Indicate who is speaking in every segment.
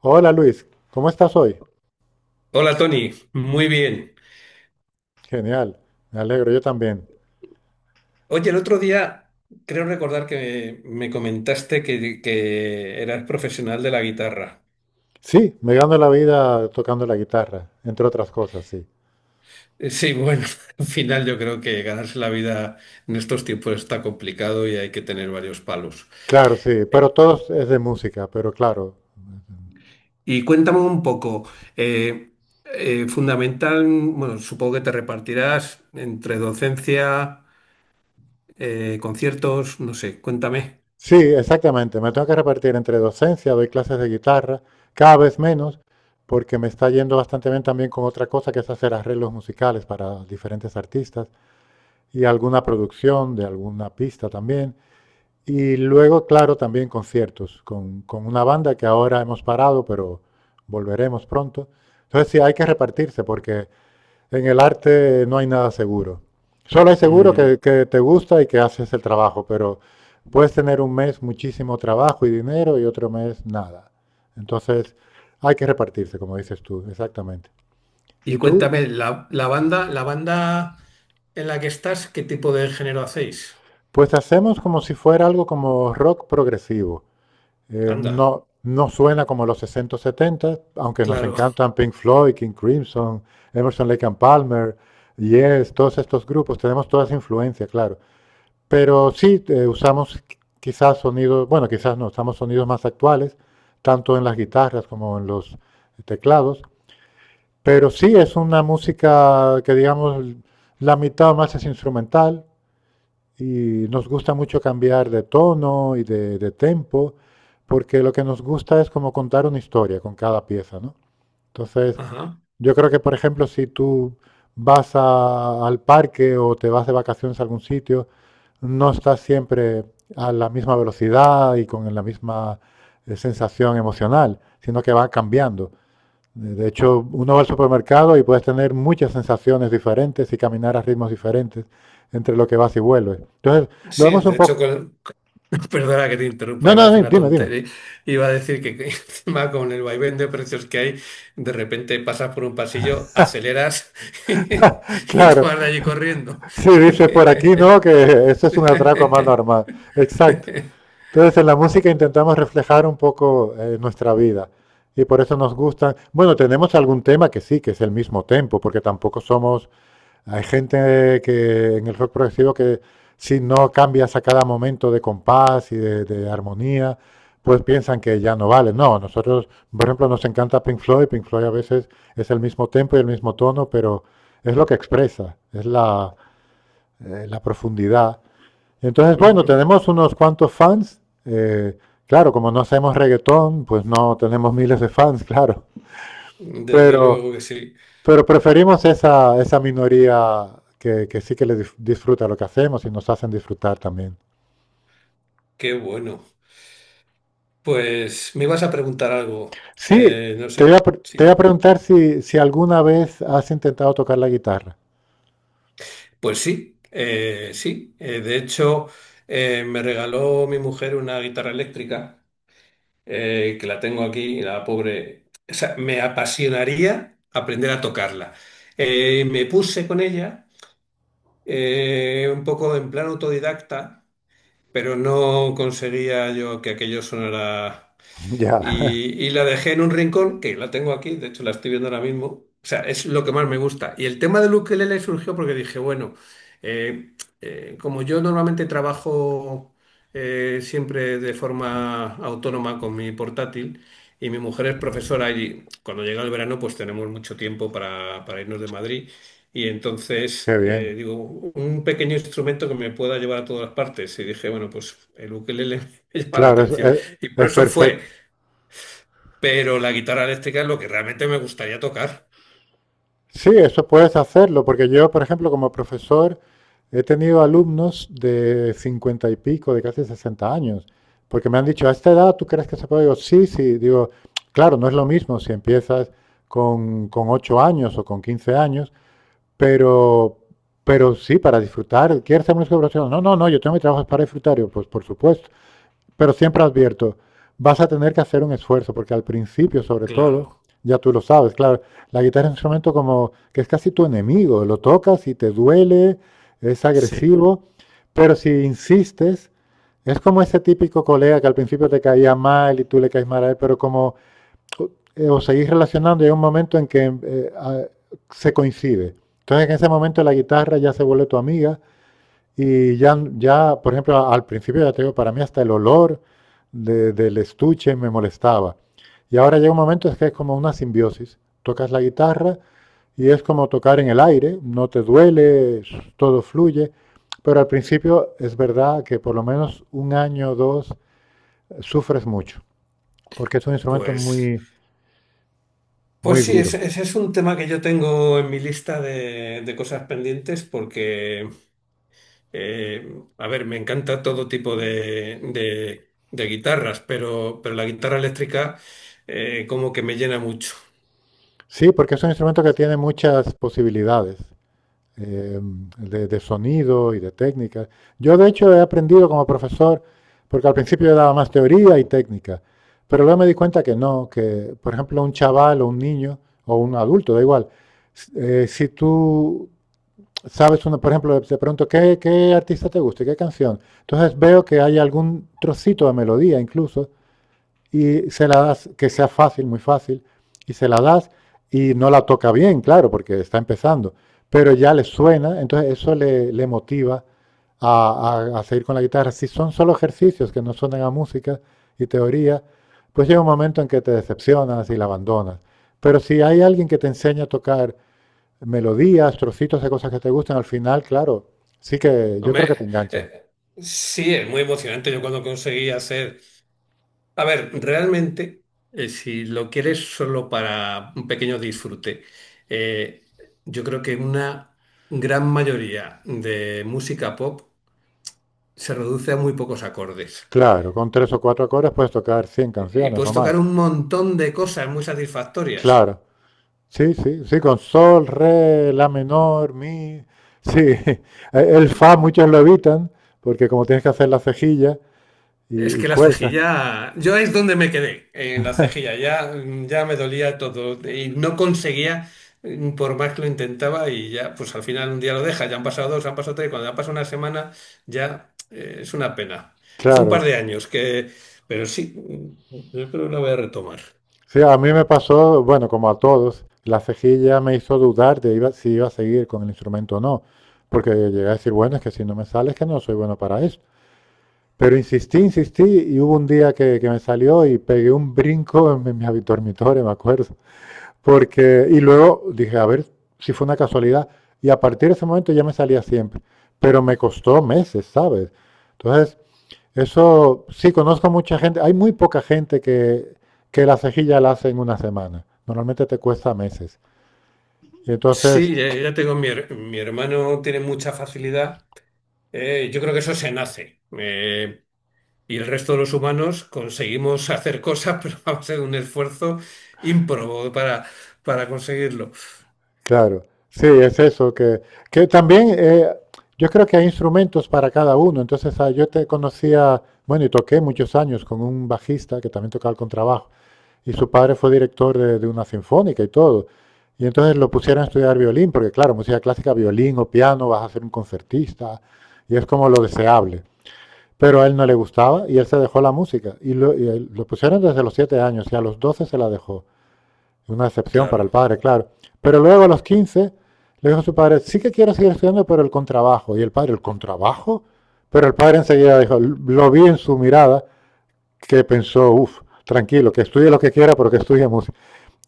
Speaker 1: Hola Luis, ¿cómo estás hoy?
Speaker 2: Hola Tony, muy bien.
Speaker 1: Genial, me alegro, yo también.
Speaker 2: Oye, el otro día creo recordar que me comentaste que eras profesional de la guitarra.
Speaker 1: Sí, me gano la vida tocando la guitarra, entre otras cosas, sí.
Speaker 2: Sí, bueno, al final yo creo que ganarse la vida en estos tiempos está complicado y hay que tener varios palos.
Speaker 1: Claro, sí, pero todo es de música, pero claro.
Speaker 2: Y cuéntame un poco, eh, fundamental, bueno, supongo que te repartirás entre docencia, conciertos, no sé, cuéntame.
Speaker 1: Sí, exactamente, me tengo que repartir entre docencia, doy clases de guitarra, cada vez menos, porque me está yendo bastante bien también con otra cosa que es hacer arreglos musicales para diferentes artistas y alguna producción de alguna pista también. Y luego, claro, también conciertos con una banda que ahora hemos parado, pero volveremos pronto. Entonces sí, hay que repartirse porque en el arte no hay nada seguro. Solo hay seguro que,
Speaker 2: Mm.
Speaker 1: que te gusta y que haces el trabajo, pero puedes tener un mes muchísimo trabajo y dinero y otro mes nada. Entonces hay que repartirse, como dices tú, exactamente.
Speaker 2: Y
Speaker 1: ¿Y tú?
Speaker 2: cuéntame, la banda en la que estás, ¿qué tipo de género hacéis?
Speaker 1: Pues hacemos como si fuera algo como rock progresivo.
Speaker 2: Anda,
Speaker 1: No, no suena como los 60 o 70, aunque nos
Speaker 2: claro.
Speaker 1: encantan Pink Floyd, King Crimson, Emerson, Lake and Palmer, Yes, todos estos grupos, tenemos toda esa influencia, claro. Pero sí, usamos quizás sonidos, bueno, quizás no, usamos sonidos más actuales, tanto en las guitarras como en los teclados. Pero sí, es una música que, digamos, la mitad o más es instrumental, y nos gusta mucho cambiar de tono y de tempo, porque lo que nos gusta es como contar una historia con cada pieza, ¿no? Entonces,
Speaker 2: Ajá.
Speaker 1: yo creo que, por ejemplo, si tú vas al parque o te vas de vacaciones a algún sitio, no estás siempre a la misma velocidad y con la misma sensación emocional, sino que va cambiando. De hecho, uno va al supermercado y puedes tener muchas sensaciones diferentes y caminar a ritmos diferentes entre lo que vas y vuelves. Entonces, lo
Speaker 2: Sí,
Speaker 1: vemos
Speaker 2: de
Speaker 1: un
Speaker 2: hecho,
Speaker 1: poco.
Speaker 2: con… perdona que te interrumpa,
Speaker 1: No,
Speaker 2: iba a
Speaker 1: no,
Speaker 2: decir
Speaker 1: no,
Speaker 2: una
Speaker 1: dime, dime.
Speaker 2: tontería. Iba a decir que encima con el vaivén de precios que hay, de repente pasas por un pasillo, aceleras y te
Speaker 1: Claro,
Speaker 2: vas de allí corriendo.
Speaker 1: si dices por aquí, no, que eso es un atraco más normal. Exacto. Entonces, en la música intentamos reflejar un poco, nuestra vida y por eso nos gustan. Bueno, tenemos algún tema que sí, que es el mismo tempo, porque tampoco somos. Hay gente que en el rock progresivo que si no cambias a cada momento de compás y de armonía, pues piensan que ya no vale. No, nosotros, por ejemplo, nos encanta Pink Floyd. Pink Floyd a veces es el mismo tempo y el mismo tono, pero es lo que expresa, es la profundidad. Entonces, bueno,
Speaker 2: Ujú.
Speaker 1: tenemos unos cuantos fans. Claro, como no hacemos reggaetón, pues no tenemos miles de fans, claro.
Speaker 2: Desde
Speaker 1: Pero
Speaker 2: luego que sí.
Speaker 1: pero preferimos esa minoría que sí que le disfruta lo que hacemos y nos hacen disfrutar también.
Speaker 2: Qué bueno. Pues me ibas a preguntar algo.
Speaker 1: Sí,
Speaker 2: No
Speaker 1: te voy a,
Speaker 2: sé.
Speaker 1: pre- te voy a
Speaker 2: Sí.
Speaker 1: preguntar si, alguna vez has intentado tocar la guitarra.
Speaker 2: Pues sí, sí. De hecho, me regaló mi mujer una guitarra eléctrica, que la tengo aquí, y la pobre. O sea, me apasionaría aprender a tocarla. Me puse con ella, un poco en plan autodidacta, pero no conseguía yo que aquello sonara.
Speaker 1: Ya.
Speaker 2: Y la dejé en un rincón, que la tengo aquí, de hecho la estoy viendo ahora mismo. O sea, es lo que más me gusta. Y el tema del ukelele surgió porque dije, bueno, eh, como yo normalmente trabajo siempre de forma autónoma con mi portátil, y mi mujer es profesora y cuando llega el verano pues tenemos mucho tiempo para irnos de Madrid. Y
Speaker 1: Qué
Speaker 2: entonces,
Speaker 1: bien.
Speaker 2: digo, un pequeño instrumento que me pueda llevar a todas las partes. Y dije, bueno, pues el ukelele me llama la
Speaker 1: Claro, es,
Speaker 2: atención.
Speaker 1: es-
Speaker 2: Y por
Speaker 1: es
Speaker 2: eso fue,
Speaker 1: perfecto.
Speaker 2: pero la guitarra eléctrica es lo que realmente me gustaría tocar.
Speaker 1: Sí, eso puedes hacerlo, porque yo, por ejemplo, como profesor, he tenido alumnos de 50 y pico, de casi 60 años, porque me han dicho, ¿a esta edad tú crees que se puede? Digo, sí, sí, digo, claro, no es lo mismo si empiezas con 8 años o con 15 años, pero, pero sí, para disfrutar. ¿Quieres hacer música profesional? No, no, no, yo tengo mi trabajo, es para disfrutar. Digo, pues por supuesto. Pero siempre advierto, vas a tener que hacer un esfuerzo, porque al principio, sobre
Speaker 2: Claro,
Speaker 1: todo, ya tú lo sabes, claro, la guitarra es un instrumento como que es casi tu enemigo, lo tocas y te duele, es
Speaker 2: sí.
Speaker 1: agresivo, pero si insistes, es como ese típico colega que al principio te caía mal y tú le caes mal a él, pero como, os seguís relacionando, hay un momento en que se coincide. Entonces en ese momento la guitarra ya se vuelve tu amiga y ya, por ejemplo, al principio ya te digo, para mí hasta el olor del estuche me molestaba. Y ahora llega un momento es que es como una simbiosis. Tocas la guitarra y es como tocar en el aire, no te duele, s- todo fluye. Pero al principio es verdad que por lo menos un año o dos, sufres mucho, porque es un instrumento
Speaker 2: Pues,
Speaker 1: muy,
Speaker 2: pues
Speaker 1: muy
Speaker 2: sí,
Speaker 1: duro.
Speaker 2: ese es un tema que yo tengo en mi lista de cosas pendientes porque, a ver, me encanta todo tipo de guitarras, pero la guitarra eléctrica como que me llena mucho.
Speaker 1: Sí, porque es un instrumento que tiene muchas posibilidades. eh, de sonido y de técnica. Yo de hecho he aprendido como profesor, porque al principio yo daba más teoría y técnica, pero luego me di cuenta que no, que por ejemplo un chaval o un niño o un adulto, da igual, si tú sabes, una, por ejemplo, te pregunto, ¿qué artista te gusta y qué canción? Entonces veo que hay algún trocito de melodía incluso y se la das, que sea fácil, muy fácil, y se la das y no la toca bien, claro, porque está empezando, pero ya le suena, entonces eso le motiva a seguir con la guitarra. Si son solo ejercicios que no suenan a música y teoría, pues llega un momento en que te decepcionas y la abandonas. Pero si hay alguien que te enseña a tocar melodías, trocitos de cosas que te gustan, al final, claro, sí que yo creo que
Speaker 2: Hombre,
Speaker 1: te engancha.
Speaker 2: eh, sí, es muy emocionante. Yo cuando conseguí hacer… A ver, realmente, si lo quieres solo para un pequeño disfrute, eh, yo creo que una gran mayoría de música pop se reduce a muy pocos acordes.
Speaker 1: Claro, con tres o cuatro acordes puedes tocar 100
Speaker 2: Y
Speaker 1: canciones
Speaker 2: puedes
Speaker 1: o
Speaker 2: tocar
Speaker 1: más.
Speaker 2: un montón de cosas muy satisfactorias.
Speaker 1: Claro. Sí, sí, sí, con sol, re, la menor, mi. Sí, el fa muchos lo evitan porque como tienes que hacer la cejilla
Speaker 2: Es
Speaker 1: y
Speaker 2: que la
Speaker 1: cuesta.
Speaker 2: cejilla, yo es donde me quedé, en la cejilla, ya, ya me dolía todo y no conseguía, por más que lo intentaba, y ya, pues al final un día lo deja, ya han pasado dos, han pasado tres, cuando ya pasa una semana, ya es una pena. Hace un par
Speaker 1: Claro.
Speaker 2: de años que, pero sí, yo creo que la voy a retomar.
Speaker 1: Sí, a mí me pasó, bueno, como a todos, la cejilla me hizo dudar de si iba a seguir con el instrumento o no, porque llegué a decir, bueno, es que si no me sale es que no soy bueno para esto. Pero insistí, insistí y hubo un día que me salió y pegué un brinco en mi dormitorio, me acuerdo. Porque, y luego dije, a ver si fue una casualidad. Y a partir de ese momento ya me salía siempre. Pero me costó meses, ¿sabes? Entonces, eso sí, conozco mucha gente. Hay muy poca gente que la cejilla la hace en una semana. Normalmente te cuesta meses. Y entonces,
Speaker 2: Sí, ya, ya tengo mi, her- mi hermano tiene mucha facilidad, yo creo que eso se nace. Y el resto de los humanos conseguimos hacer cosas, pero va a ser un esfuerzo ímprobo para conseguirlo.
Speaker 1: claro, sí, es eso. Que también, yo creo que hay instrumentos para cada uno. Entonces, ah, yo te conocía, bueno, y toqué muchos años con un bajista que también tocaba el contrabajo. Y su padre fue director de una sinfónica y todo. Y entonces lo pusieron a estudiar violín, porque claro, música clásica, violín o piano, vas a ser un concertista, y es como lo deseable. Pero a él no le gustaba y él se dejó la música. Y lo pusieron desde los 7 años y a los 12 se la dejó. Una excepción para el
Speaker 2: Claro.
Speaker 1: padre, claro. Pero luego a los 15 le dijo a su padre, sí que quiero seguir estudiando, pero el contrabajo. Y el padre, ¿el contrabajo? Pero el padre enseguida dijo, lo vi en su mirada, que pensó, uff, tranquilo, que estudie lo que quiera, pero que estudie música.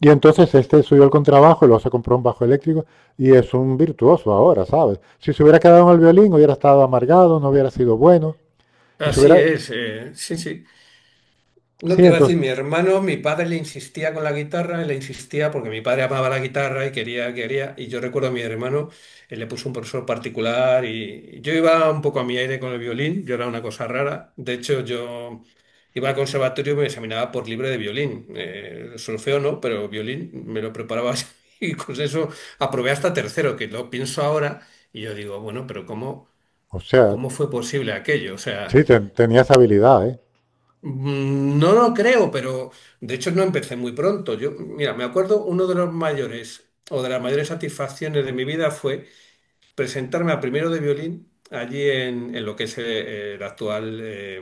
Speaker 1: Y entonces este subió el contrabajo y luego se compró un bajo eléctrico y es un virtuoso ahora, ¿sabes? Si se hubiera quedado en el violín hubiera estado amargado, no hubiera sido bueno y se
Speaker 2: Así
Speaker 1: hubiera...
Speaker 2: es. Sí, sí. No
Speaker 1: Sí,
Speaker 2: te iba a decir,
Speaker 1: entonces,
Speaker 2: mi hermano, mi padre le insistía con la guitarra, le insistía porque mi padre amaba la guitarra y quería, quería. Y yo recuerdo a mi hermano, él le puso un profesor particular, y yo iba un poco a mi aire con el violín, yo era una cosa rara. De hecho, yo iba al conservatorio y me examinaba por libre de violín. Solfeo no, pero violín me lo preparaba así. Y con eso aprobé hasta tercero, que lo pienso ahora y yo digo, bueno, pero ¿cómo,
Speaker 1: o sea,
Speaker 2: cómo fue posible aquello? O sea.
Speaker 1: sí, tenía esa habilidad, ¿eh?
Speaker 2: Mm, no lo creo, pero de hecho no empecé muy pronto. Yo, mira, me acuerdo, uno de los mayores o de las mayores satisfacciones de mi vida fue presentarme a primero de violín allí en lo que es el actual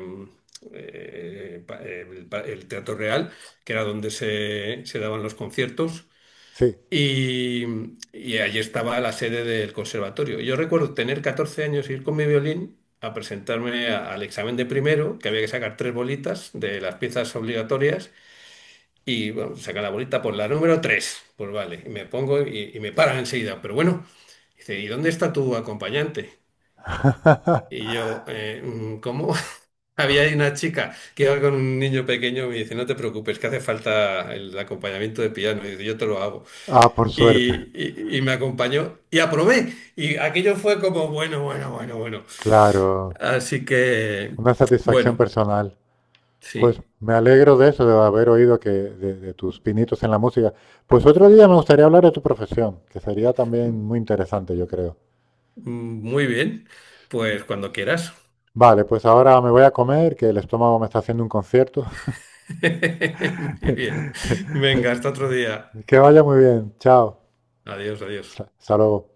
Speaker 2: el Teatro Real, que era donde se daban los conciertos.
Speaker 1: Sí.
Speaker 2: Y, y allí estaba la sede del conservatorio. Yo recuerdo tener 14 años y ir con mi violín a presentarme a- al examen de primero, que había que sacar tres bolitas de las piezas obligatorias. Y bueno, saca la bolita por la número tres. Pues vale, y me pongo y me paran enseguida. Pero bueno, dice, ¿y dónde está tu acompañante? Y yo, ¿cómo? Había ahí una chica que iba con un niño pequeño, y me dice, no te preocupes, que hace falta el acompañamiento de piano. Y dice, yo te lo hago,
Speaker 1: Ah, por suerte.
Speaker 2: y me acompañó y aprobé. Y aquello fue como, bueno, bueno, bueno, bueno.
Speaker 1: Claro,
Speaker 2: Así que,
Speaker 1: una satisfacción
Speaker 2: bueno,
Speaker 1: personal. Pues
Speaker 2: sí,
Speaker 1: me alegro de eso, de haber oído que de tus pinitos en la música. Pues otro día me gustaría hablar de tu profesión, que sería también
Speaker 2: m-
Speaker 1: muy interesante, yo creo.
Speaker 2: muy bien. Pues cuando quieras.
Speaker 1: Vale, pues ahora me voy a comer, que el estómago me está haciendo un concierto.
Speaker 2: Muy bien. Venga, hasta otro día.
Speaker 1: Que vaya muy bien. Chao.
Speaker 2: Adiós, adiós.
Speaker 1: Hasta luego.